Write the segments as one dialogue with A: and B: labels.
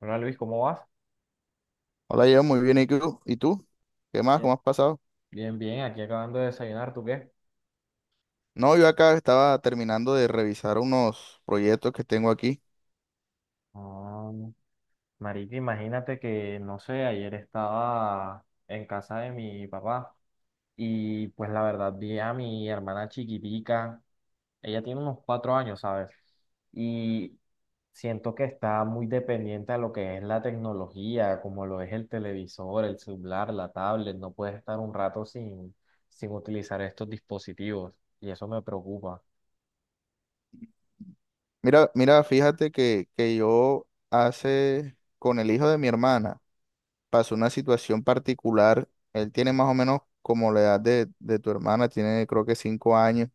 A: Hola Luis, ¿cómo vas?
B: Hola, yo muy bien. ¿Y tú? ¿Y tú? ¿Qué más? ¿Cómo
A: Bien,
B: has pasado?
A: bien, bien, aquí acabando de desayunar, ¿tú qué?
B: No, yo acá estaba terminando de revisar unos proyectos que tengo aquí.
A: Ah, marica, imagínate que, no sé, ayer estaba en casa de mi papá y pues la verdad vi a mi hermana chiquitica, ella tiene unos 4 años, ¿sabes? Y siento que está muy dependiente a lo que es la tecnología, como lo es el televisor, el celular, la tablet, no puedes estar un rato sin utilizar estos dispositivos y eso me preocupa.
B: Mira, mira, fíjate que yo hace con el hijo de mi hermana pasó una situación particular. Él tiene más o menos como la edad de tu hermana, tiene creo que 5 años.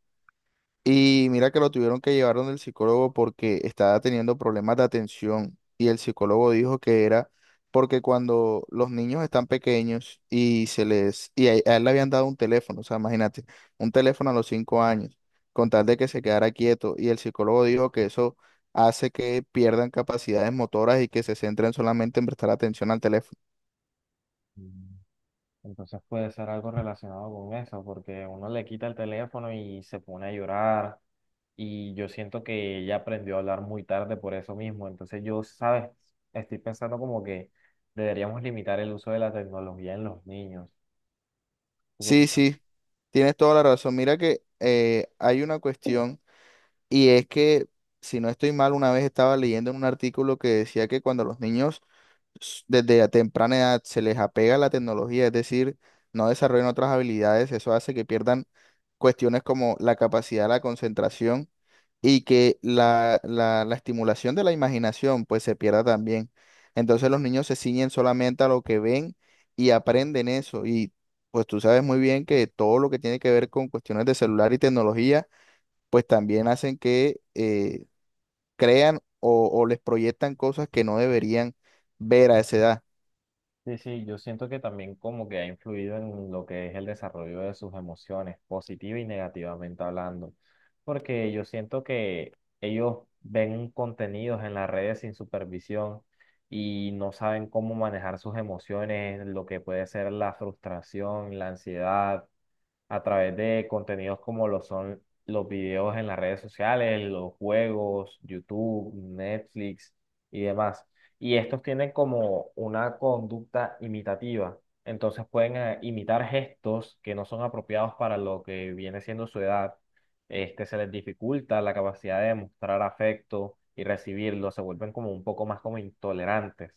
B: Y mira que lo tuvieron que llevar donde el psicólogo porque estaba teniendo problemas de atención, y el psicólogo dijo que era porque cuando los niños están pequeños y se les y a él le habían dado un teléfono. O sea, imagínate, un teléfono a los 5 años, con tal de que se quedara quieto. Y el psicólogo dijo que eso hace que pierdan capacidades motoras y que se centren solamente en prestar atención al teléfono.
A: Entonces puede ser algo relacionado con eso, porque uno le quita el teléfono y se pone a llorar. Y yo siento que ella aprendió a hablar muy tarde por eso mismo. Entonces yo, ¿sabes? Estoy pensando como que deberíamos limitar el uso de la tecnología en los niños.
B: Sí, sí, tienes toda la razón. Mira que hay una cuestión. Y es que, si no estoy mal, una vez estaba leyendo en un artículo que decía que cuando los niños desde a temprana edad se les apega la tecnología, es decir, no desarrollan otras habilidades, eso hace que pierdan cuestiones como la capacidad, la concentración, y que la estimulación de la imaginación pues se pierda también. Entonces los niños se ciñen solamente a lo que ven y aprenden eso. Y pues tú sabes muy bien que todo lo que tiene que ver con cuestiones de celular y tecnología pues también hacen que crean o les proyectan cosas que no deberían ver a esa edad.
A: Sí, sí, yo siento que también como que ha influido en lo que es el desarrollo de sus emociones, positiva y negativamente hablando, porque yo siento que ellos ven contenidos en las redes sin supervisión y no saben cómo manejar sus emociones, lo que puede ser la frustración, la ansiedad, a través de contenidos como lo son los videos en las redes sociales, los juegos, YouTube, Netflix y demás. Y estos tienen como una conducta imitativa. Entonces pueden imitar gestos que no son apropiados para lo que viene siendo su edad. Este, se les dificulta la capacidad de mostrar afecto y recibirlo. Se vuelven como un poco más como intolerantes.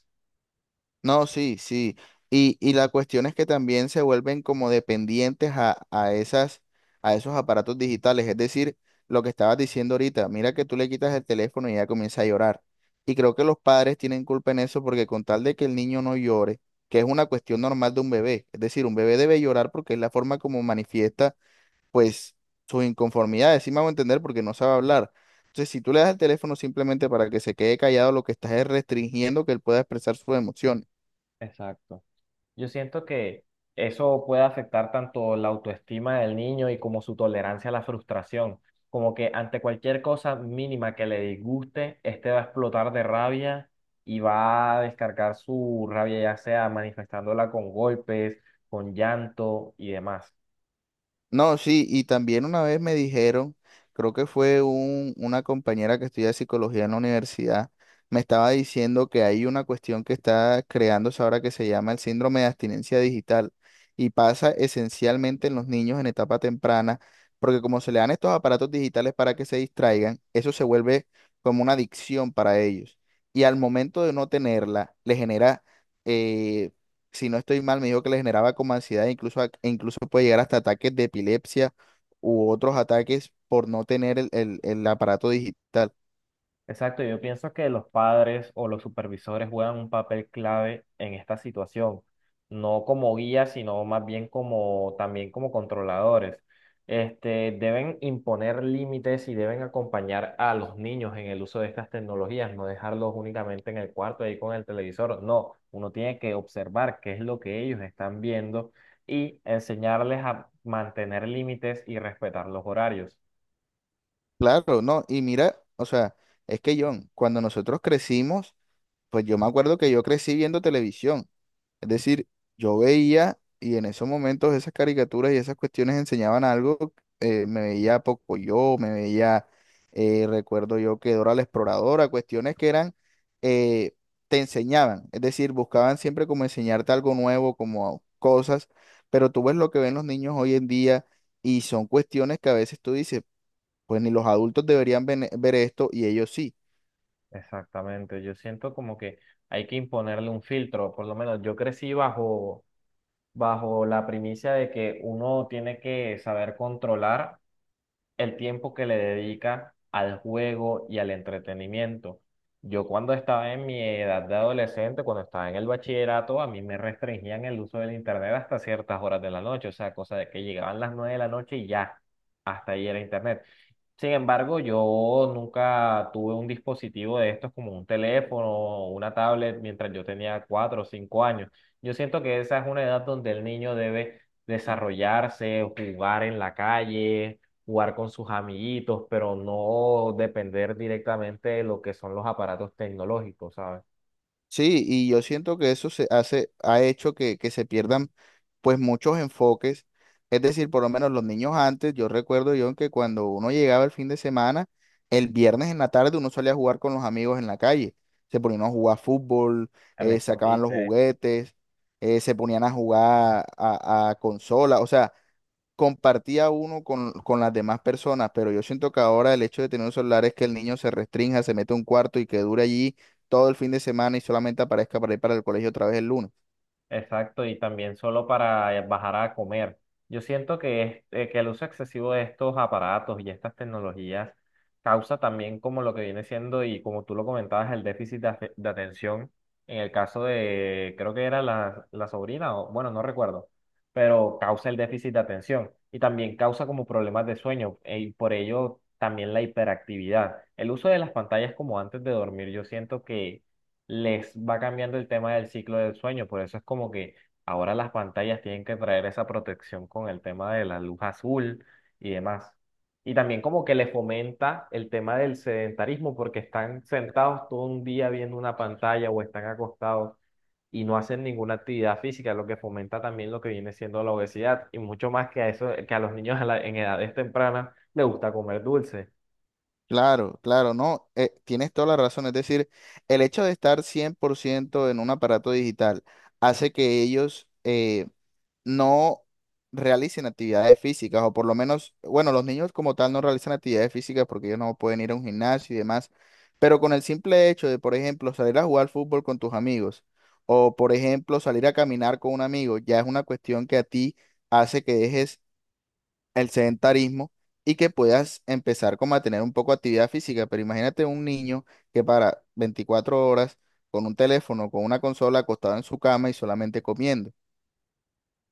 B: No, sí, sí. Y la cuestión es que también se vuelven como dependientes a esos aparatos digitales. Es decir, lo que estabas diciendo ahorita, mira que tú le quitas el teléfono y ella comienza a llorar. Y creo que los padres tienen culpa en eso, porque con tal de que el niño no llore, que es una cuestión normal de un bebé. Es decir, un bebé debe llorar porque es la forma como manifiesta pues sus inconformidades, sí me hago entender, porque no sabe hablar. Entonces, si tú le das el teléfono simplemente para que se quede callado, lo que estás es restringiendo que él pueda expresar sus emociones.
A: Exacto. Yo siento que eso puede afectar tanto la autoestima del niño y como su tolerancia a la frustración. Como que ante cualquier cosa mínima que le disguste, este va a explotar de rabia y va a descargar su rabia, ya sea manifestándola con golpes, con llanto y demás.
B: No, sí, y también una vez me dijeron, creo que fue una compañera que estudia psicología en la universidad, me estaba diciendo que hay una cuestión que está creándose ahora que se llama el síndrome de abstinencia digital, y pasa esencialmente en los niños en etapa temprana, porque como se le dan estos aparatos digitales para que se distraigan, eso se vuelve como una adicción para ellos. Y al momento de no tenerla, le genera. eh, si no estoy mal, me dijo que le generaba como ansiedad, incluso, e incluso puede llegar hasta ataques de epilepsia u otros ataques por no tener el aparato digital.
A: Exacto, yo pienso que los padres o los supervisores juegan un papel clave en esta situación, no como guías, sino más bien como también como controladores. Este, deben imponer límites y deben acompañar a los niños en el uso de estas tecnologías, no dejarlos únicamente en el cuarto ahí con el televisor. No, uno tiene que observar qué es lo que ellos están viendo y enseñarles a mantener límites y respetar los horarios.
B: Claro, no, y mira, o sea, es que John, cuando nosotros crecimos, pues yo me acuerdo que yo crecí viendo televisión. Es decir, yo veía, y en esos momentos esas caricaturas y esas cuestiones enseñaban algo. Me veía Yo me veía, recuerdo yo, que Dora la Exploradora, cuestiones que eran, eh, te enseñaban. Es decir, buscaban siempre como enseñarte algo nuevo, como cosas, pero tú ves lo que ven los niños hoy en día, y son cuestiones que a veces tú dices, pues ni los adultos deberían ver esto y ellos sí.
A: Exactamente, yo siento como que hay que imponerle un filtro, por lo menos yo crecí bajo la primicia de que uno tiene que saber controlar el tiempo que le dedica al juego y al entretenimiento. Yo cuando estaba en mi edad de adolescente, cuando estaba en el bachillerato, a mí me restringían el uso del internet hasta ciertas horas de la noche, o sea, cosa de que llegaban las 9 de la noche y ya, hasta ahí era internet. Sin embargo, yo nunca tuve un dispositivo de estos como un teléfono o una tablet mientras yo tenía 4 o 5 años. Yo siento que esa es una edad donde el niño debe desarrollarse, jugar en la calle, jugar con sus amiguitos, pero no depender directamente de lo que son los aparatos tecnológicos, ¿sabes?
B: Sí, y yo siento que eso se hace, ha hecho que se pierdan pues muchos enfoques. Es decir, por lo menos los niños antes, yo recuerdo yo que cuando uno llegaba el fin de semana, el viernes en la tarde uno salía a jugar con los amigos en la calle. Se ponían a jugar fútbol,
A: El
B: sacaban los
A: escondite.
B: juguetes, se ponían a jugar a consola. O sea, compartía uno con las demás personas, pero yo siento que ahora el hecho de tener un celular es que el niño se restrinja, se mete a un cuarto y que dure allí todo el fin de semana, y solamente aparezca para ir para el colegio otra vez el lunes.
A: Exacto, y también solo para bajar a comer. Yo siento que, que el uso excesivo de estos aparatos y estas tecnologías causa también como lo que viene siendo, y como tú lo comentabas, el déficit de atención en el caso de, creo que era la sobrina, o bueno, no recuerdo, pero causa el déficit de atención y también causa como problemas de sueño y por ello también la hiperactividad. El uso de las pantallas como antes de dormir, yo siento que les va cambiando el tema del ciclo del sueño. Por eso es como que ahora las pantallas tienen que traer esa protección con el tema de la luz azul y demás. Y también como que le fomenta el tema del sedentarismo porque están sentados todo un día viendo una pantalla o están acostados y no hacen ninguna actividad física, lo que fomenta también lo que viene siendo la obesidad y mucho más que a eso, que a los niños a la- en edades tempranas les gusta comer dulce.
B: Claro, claro, no, tienes toda la razón. Es decir, el hecho de estar 100% en un aparato digital hace que ellos no realicen actividades físicas, o por lo menos, bueno, los niños como tal no realizan actividades físicas porque ellos no pueden ir a un gimnasio y demás, pero con el simple hecho de, por ejemplo, salir a jugar fútbol con tus amigos, o por ejemplo, salir a caminar con un amigo, ya es una cuestión que a ti hace que dejes el sedentarismo y que puedas empezar como a tener un poco de actividad física. Pero imagínate un niño que para 24 horas con un teléfono, con una consola, acostado en su cama y solamente comiendo.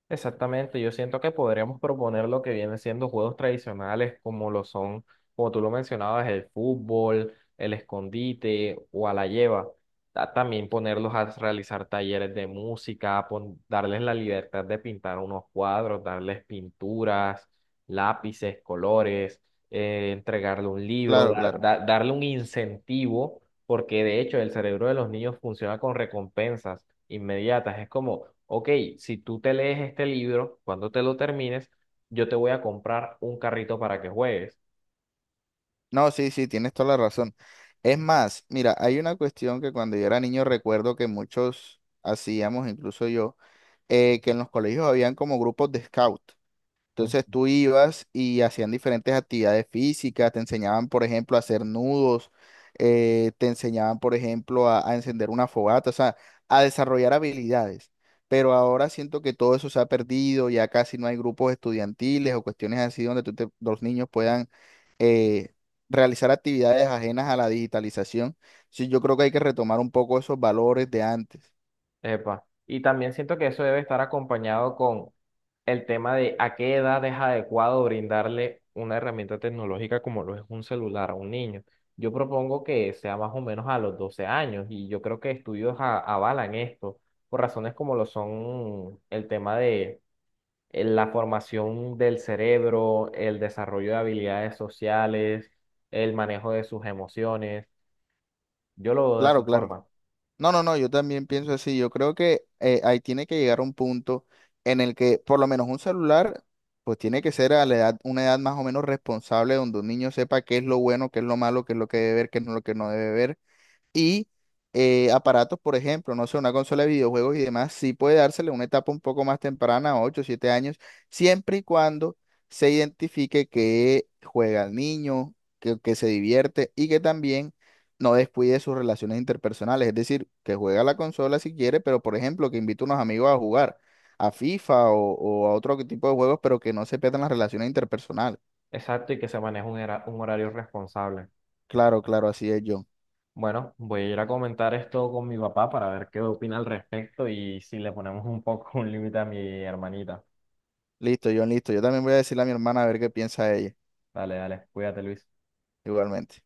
A: Exactamente, yo siento que podríamos proponer lo que vienen siendo juegos tradicionales como lo son, como tú lo mencionabas, el fútbol, el escondite o a la lleva. También ponerlos a realizar talleres de música, darles la libertad de pintar unos cuadros, darles pinturas, lápices, colores, entregarle un libro,
B: Claro, claro.
A: darle un incentivo, porque de hecho el cerebro de los niños funciona con recompensas inmediatas. Es como, ok, si tú te lees este libro, cuando te lo termines, yo te voy a comprar un carrito para que juegues.
B: No, sí, sí, tienes toda la razón. Es más, mira, hay una cuestión que cuando yo era niño recuerdo que muchos hacíamos, incluso yo, que en los colegios habían como grupos de scout. Entonces
A: Ujú.
B: tú ibas y hacían diferentes actividades físicas, te enseñaban, por ejemplo, a hacer nudos, te enseñaban, por ejemplo, a encender una fogata, o sea, a desarrollar habilidades. Pero ahora siento que todo eso se ha perdido, ya casi no hay grupos estudiantiles o cuestiones así donde los niños puedan eh, realizar actividades ajenas a la digitalización. Sí, yo creo que hay que retomar un poco esos valores de antes.
A: Epa. Y también siento que eso debe estar acompañado con el tema de a qué edad es adecuado brindarle una herramienta tecnológica como lo es un celular a un niño. Yo propongo que sea más o menos a los 12 años y yo creo que estudios avalan esto por razones como lo son el tema de la formación del cerebro, el desarrollo de habilidades sociales, el manejo de sus emociones. Yo lo veo de esa
B: Claro, claro.
A: forma.
B: No, no, no, yo también pienso así. Yo creo que ahí tiene que llegar un punto en el que por lo menos un celular, pues tiene que ser a la edad, una edad más o menos responsable, donde un niño sepa qué es lo bueno, qué es lo malo, qué es lo que debe ver, qué es lo que no debe ver, y aparatos, por ejemplo, no sé, una consola de videojuegos y demás, sí puede dársele una etapa un poco más temprana, 8 7 años, siempre y cuando se identifique que juega al niño, que se divierte, y que también no descuide sus relaciones interpersonales. Es decir, que juega la consola si quiere, pero por ejemplo, que invite a unos amigos a jugar a FIFA o a otro tipo de juegos, pero que no se pierdan las relaciones interpersonales.
A: Exacto, y que se maneje un horario responsable.
B: Claro, claro, así es, John.
A: Bueno, voy a ir a comentar esto con mi papá para ver qué opina al respecto y si le ponemos un poco un límite a mi hermanita.
B: Listo, John, listo. Yo también voy a decirle a mi hermana a ver qué piensa ella,
A: Dale, dale, cuídate, Luis.
B: igualmente.